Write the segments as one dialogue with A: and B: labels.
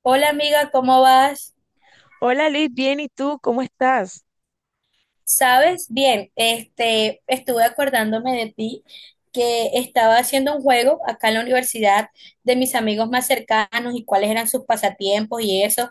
A: Hola amiga, ¿cómo vas?
B: Hola Liz, bien, ¿y tú cómo estás?
A: ¿Sabes? Bien, estuve acordándome de ti que estaba haciendo un juego acá en la universidad de mis amigos más cercanos y cuáles eran sus pasatiempos y eso.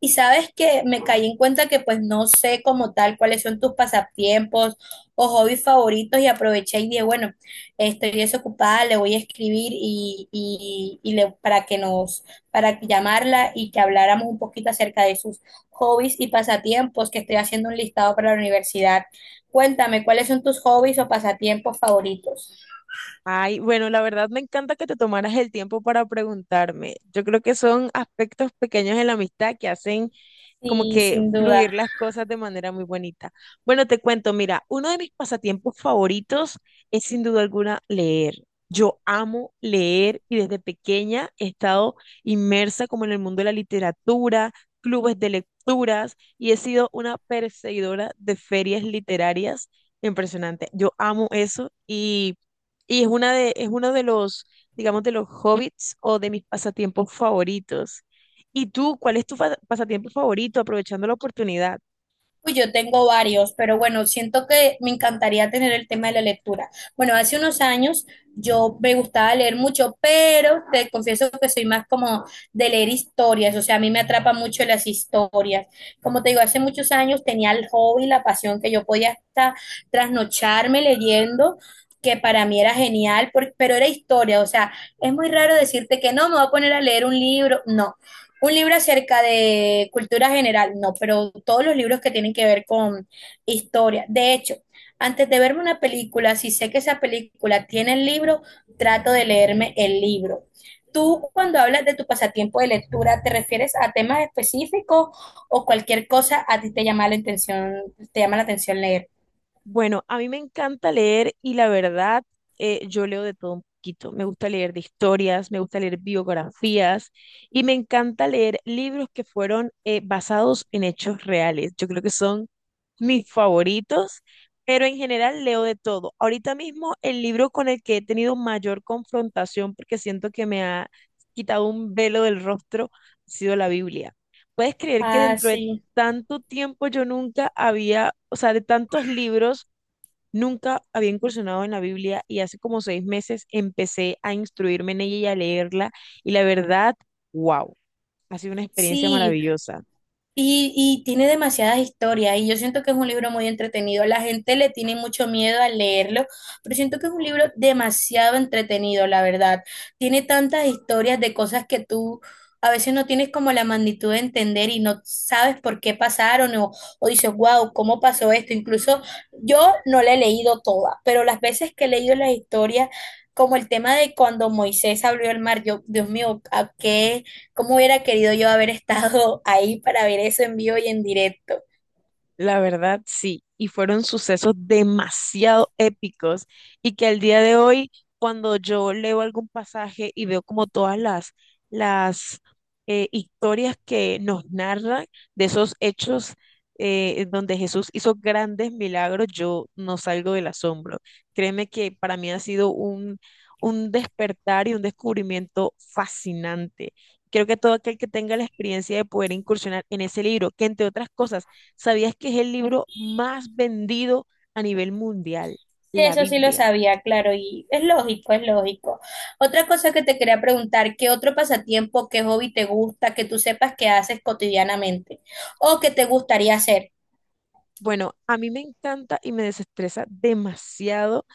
A: Y sabes que me caí en cuenta que pues no sé como tal cuáles son tus pasatiempos o hobbies favoritos y aproveché y dije, bueno, estoy desocupada, le voy a escribir y le, para que nos, para llamarla y que habláramos un poquito acerca de sus hobbies y pasatiempos que estoy haciendo un listado para la universidad. Cuéntame, ¿cuáles son tus hobbies o pasatiempos favoritos?
B: Ay, bueno, la verdad me encanta que te tomaras el tiempo para preguntarme. Yo creo que son aspectos pequeños en la amistad que hacen como
A: Sí,
B: que
A: sin
B: fluir
A: duda.
B: las cosas de manera muy bonita. Bueno, te cuento, mira, uno de mis pasatiempos favoritos es sin duda alguna leer. Yo amo leer y desde pequeña he estado inmersa como en el mundo de la literatura, clubes de lecturas y he sido una perseguidora de ferias literarias impresionante. Yo amo eso y es uno de los, digamos, de los hobbits o de mis pasatiempos favoritos. ¿Y tú, cuál es tu pasatiempo favorito, aprovechando la oportunidad?
A: Uy, yo tengo varios, pero bueno, siento que me encantaría tener el tema de la lectura. Bueno, hace unos años yo me gustaba leer mucho, pero te confieso que soy más como de leer historias, o sea, a mí me atrapa mucho las historias. Como te digo, hace muchos años tenía el hobby, la pasión que yo podía hasta trasnocharme leyendo, que para mí era genial, pero era historia, o sea, es muy raro decirte que no, me voy a poner a leer un libro, no, un libro acerca de cultura general, no, pero todos los libros que tienen que ver con historia. De hecho, antes de verme una película, si sé que esa película tiene el libro, trato de leerme el libro. Tú, cuando hablas de tu pasatiempo de lectura, ¿te refieres a temas específicos o cualquier cosa a ti te llama la atención, te llama la atención leer?
B: Bueno, a mí me encanta leer y la verdad, yo leo de todo un poquito. Me gusta leer de historias, me gusta leer biografías y me encanta leer libros que fueron basados en hechos reales. Yo creo que son mis favoritos, pero en general leo de todo. Ahorita mismo el libro con el que he tenido mayor confrontación, porque siento que me ha quitado un velo del rostro, ha sido la Biblia. ¿Puedes creer que
A: Ah,
B: dentro de
A: sí.
B: tanto tiempo yo nunca había, o sea, de tantos libros, nunca había incursionado en la Biblia y hace como 6 meses empecé a instruirme en ella y a leerla y la verdad, wow, ha sido una experiencia
A: Sí,
B: maravillosa?
A: y tiene demasiadas historias y yo siento que es un libro muy entretenido. La gente le tiene mucho miedo al leerlo, pero siento que es un libro demasiado entretenido, la verdad. Tiene tantas historias de cosas que tú a veces no tienes como la magnitud de entender y no sabes por qué pasaron, o dices, wow, ¿cómo pasó esto? Incluso yo no la he leído toda, pero las veces que he leído las historias, como el tema de cuando Moisés abrió el mar, yo, Dios mío, ¿a qué? Cómo hubiera querido yo haber estado ahí para ver eso en vivo y en directo.
B: La verdad, sí, y fueron sucesos demasiado épicos y que al día de hoy, cuando yo leo algún pasaje y veo como todas las historias que nos narran de esos hechos, donde Jesús hizo grandes milagros, yo no salgo del asombro. Créeme que para mí ha sido un despertar y un descubrimiento fascinante. Creo que todo aquel que tenga la experiencia de poder incursionar en ese libro, que entre otras cosas, ¿sabías que es el libro más vendido a nivel mundial?
A: Sí,
B: La
A: eso sí lo
B: Biblia.
A: sabía, claro, y es lógico, es lógico. Otra cosa que te quería preguntar, ¿qué otro pasatiempo, qué hobby te gusta, que tú sepas que haces cotidianamente o que te gustaría hacer?
B: Bueno, a mí me encanta y me desestresa demasiado,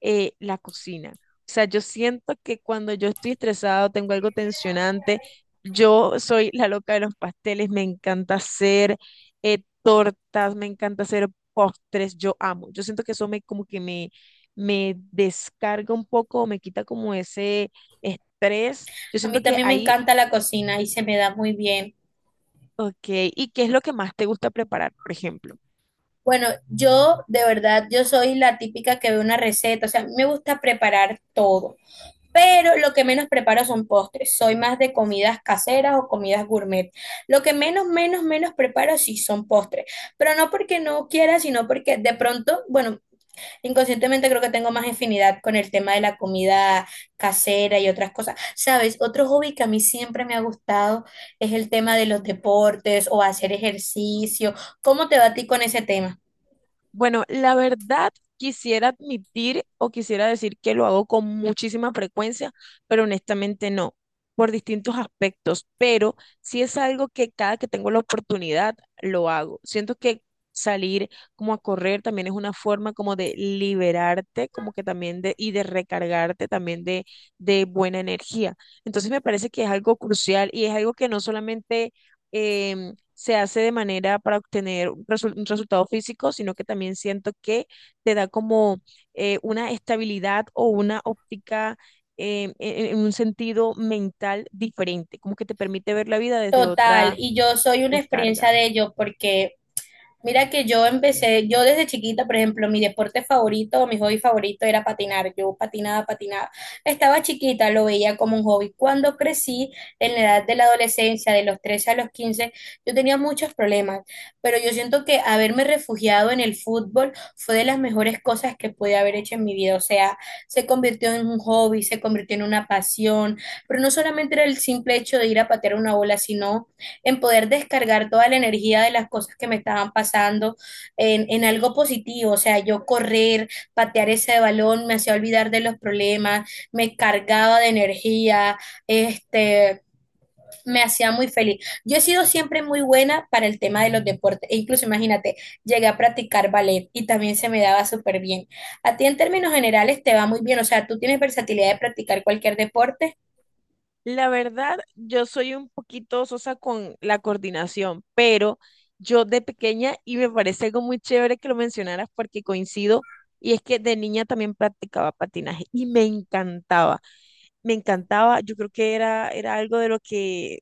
B: la cocina. O sea, yo siento que cuando yo estoy estresado, tengo algo tensionante, yo soy la loca de los pasteles, me encanta hacer, tortas, me encanta hacer postres, yo amo. Yo siento que eso me como que me descarga un poco, me quita como ese estrés. Yo
A: A mí
B: siento que
A: también me
B: ahí.
A: encanta la cocina y se me da muy bien.
B: Ok, ¿y qué es lo que más te gusta preparar, por ejemplo?
A: Bueno, yo de verdad, yo soy la típica que ve una receta, o sea, me gusta preparar todo, pero lo que menos preparo son postres. Soy más de comidas caseras o comidas gourmet. Lo que menos, menos, menos preparo sí son postres, pero no porque no quiera, sino porque de pronto, bueno, inconscientemente creo que tengo más afinidad con el tema de la comida casera y otras cosas. Sabes, otro hobby que a mí siempre me ha gustado es el tema de los deportes o hacer ejercicio. ¿Cómo te va a ti con ese tema?
B: Bueno, la verdad quisiera admitir o quisiera decir que lo hago con muchísima frecuencia, pero honestamente no, por distintos aspectos, pero sí es algo que cada que tengo la oportunidad lo hago. Siento que salir como a correr también es una forma como de liberarte, como que también de, y de recargarte también de buena energía. Entonces me parece que es algo crucial y es algo que no solamente em, se hace de manera para obtener un resultado físico, sino que también siento que te da como, una estabilidad o una óptica, en un sentido mental diferente, como que te permite ver la vida desde
A: Total,
B: otra
A: y yo soy una experiencia
B: descarga.
A: de ello porque mira que yo empecé, yo desde chiquita, por ejemplo, mi deporte favorito, mi hobby favorito era patinar. Yo patinaba, patinaba. Estaba chiquita, lo veía como un hobby. Cuando crecí, en la edad de la adolescencia, de los 13 a los 15 yo tenía muchos problemas, pero yo siento que haberme refugiado en el fútbol fue de las mejores cosas que pude haber hecho en mi vida. O sea, se convirtió en un hobby, se convirtió en una pasión, pero no solamente era el simple hecho de ir a patear una bola, sino en poder descargar toda la energía de las cosas que me estaban pasando en algo positivo, o sea, yo correr, patear ese balón, me hacía olvidar de los problemas, me cargaba de energía, este, me hacía muy feliz. Yo he sido siempre muy buena para el tema de los deportes, e incluso imagínate, llegué a practicar ballet y también se me daba súper bien. A ti en términos generales te va muy bien, o sea, tú tienes versatilidad de practicar cualquier deporte.
B: La verdad, yo soy un poquito sosa con la coordinación, pero yo de pequeña, y me parece algo muy chévere que lo mencionaras porque coincido, y es que de niña también practicaba patinaje y me encantaba. Me encantaba. Yo creo que era, era algo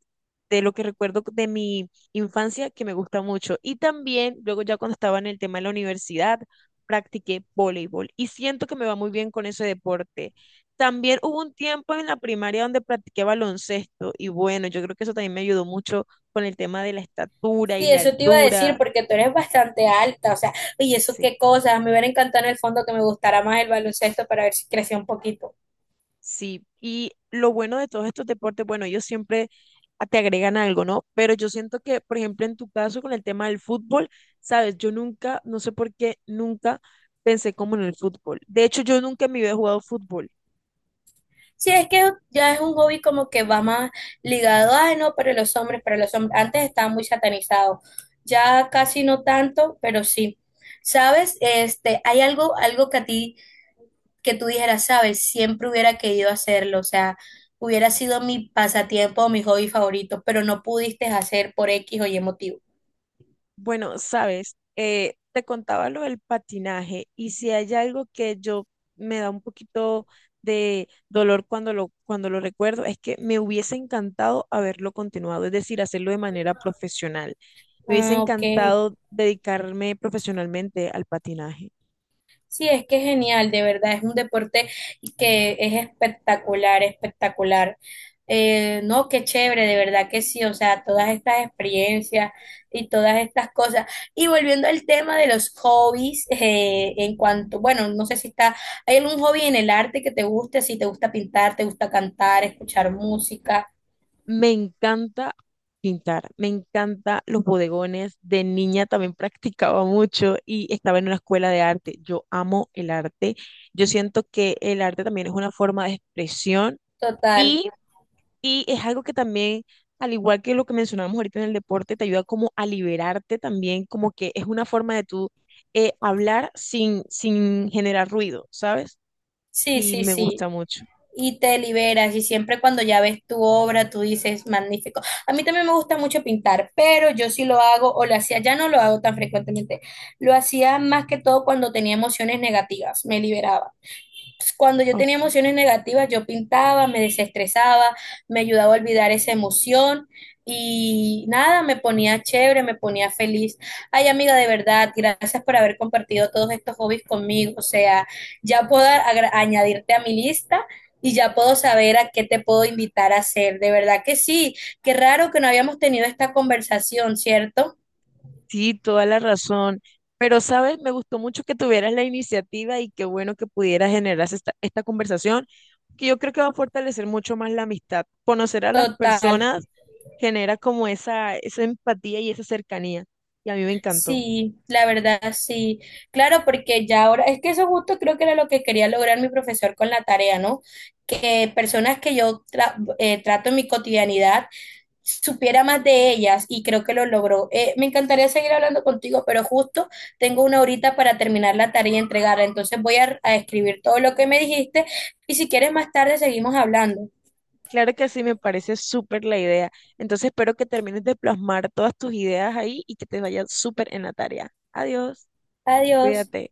B: de lo que recuerdo de mi infancia que me gusta mucho. Y también, luego ya cuando estaba en el tema de la universidad, practiqué voleibol y siento que me va muy bien con ese deporte. También hubo un tiempo en la primaria donde practiqué baloncesto y bueno, yo creo que eso también me ayudó mucho con el tema de la estatura y
A: Sí,
B: la
A: eso te iba a decir
B: altura.
A: porque tú eres bastante alta, o sea, y eso
B: Sí.
A: qué cosas, me hubiera encantado en el fondo que me gustara más el baloncesto para ver si crecía un poquito.
B: Sí, y lo bueno de todos estos deportes, bueno, ellos siempre te agregan algo, ¿no? Pero yo siento que, por ejemplo, en tu caso con el tema del fútbol, sabes, yo nunca, no sé por qué, nunca pensé como en el fútbol. De hecho, yo nunca en mi vida he jugado fútbol.
A: Sí, es que ya es un hobby como que va más ligado, ay no, para los hombres, antes estaba muy satanizado, ya casi no tanto, pero sí. ¿Sabes? Hay algo, algo que a ti, que tú dijeras, sabes, siempre hubiera querido hacerlo, o sea, hubiera sido mi pasatiempo o mi hobby favorito, pero no pudiste hacer por X o Y motivo.
B: Bueno, sabes, te contaba lo del patinaje y si hay algo que yo me da un poquito de dolor cuando lo recuerdo, es que me hubiese encantado haberlo continuado, es decir, hacerlo de manera profesional. Me hubiese
A: Ah, ok.
B: encantado dedicarme profesionalmente al patinaje.
A: Sí, es que es genial, de verdad, es un deporte que es espectacular, espectacular. No, qué chévere, de verdad que sí, o sea, todas estas experiencias y todas estas cosas. Y volviendo al tema de los hobbies, en cuanto, bueno, no sé si está, ¿hay algún hobby en el arte que te guste? Si te gusta pintar, te gusta cantar, escuchar música,
B: Me encanta pintar, me encanta los bodegones. De niña también practicaba mucho y estaba en una escuela de arte. Yo amo el arte. Yo siento que el arte también es una forma de expresión
A: total.
B: y, y es algo que también, al igual que lo que mencionamos ahorita en el deporte, te ayuda como a liberarte también, como que es una forma de tú, hablar sin generar ruido, ¿sabes?
A: Sí,
B: Y
A: sí,
B: me
A: sí.
B: gusta mucho.
A: Y te liberas. Y siempre cuando ya ves tu obra, tú dices, magnífico. A mí también me gusta mucho pintar, pero yo sí lo hago, o lo hacía, ya no lo hago tan frecuentemente. Lo hacía más que todo cuando tenía emociones negativas, me liberaba, pues, cuando yo tenía
B: Ok.
A: emociones negativas, yo pintaba, me desestresaba, me ayudaba a olvidar esa emoción y nada, me ponía chévere, me ponía feliz. Ay, amiga, de verdad, gracias por haber compartido todos estos hobbies conmigo. O sea, ya puedo añadirte a mi lista. Y ya puedo saber a qué te puedo invitar a hacer. De verdad que sí. Qué raro que no habíamos tenido esta conversación, ¿cierto?
B: Sí, toda la razón. Pero, ¿sabes? Me gustó mucho que tuvieras la iniciativa y qué bueno que pudieras generar esta conversación, que yo creo que va a fortalecer mucho más la amistad. Conocer a las
A: Total.
B: personas genera como esa empatía y esa cercanía. Y a mí me encantó.
A: Sí, la verdad, sí. Claro, porque ya ahora, es que eso justo creo que era lo que quería lograr mi profesor con la tarea, ¿no? Que personas que yo trato en mi cotidianidad supiera más de ellas y creo que lo logró. Me encantaría seguir hablando contigo, pero justo tengo una horita para terminar la tarea y entregarla, entonces voy a escribir todo lo que me dijiste y si quieres más tarde seguimos hablando.
B: Claro que sí, me parece súper la idea. Entonces, espero que termines de plasmar todas tus ideas ahí y que te vaya súper en la tarea. Adiós,
A: Adiós.
B: cuídate.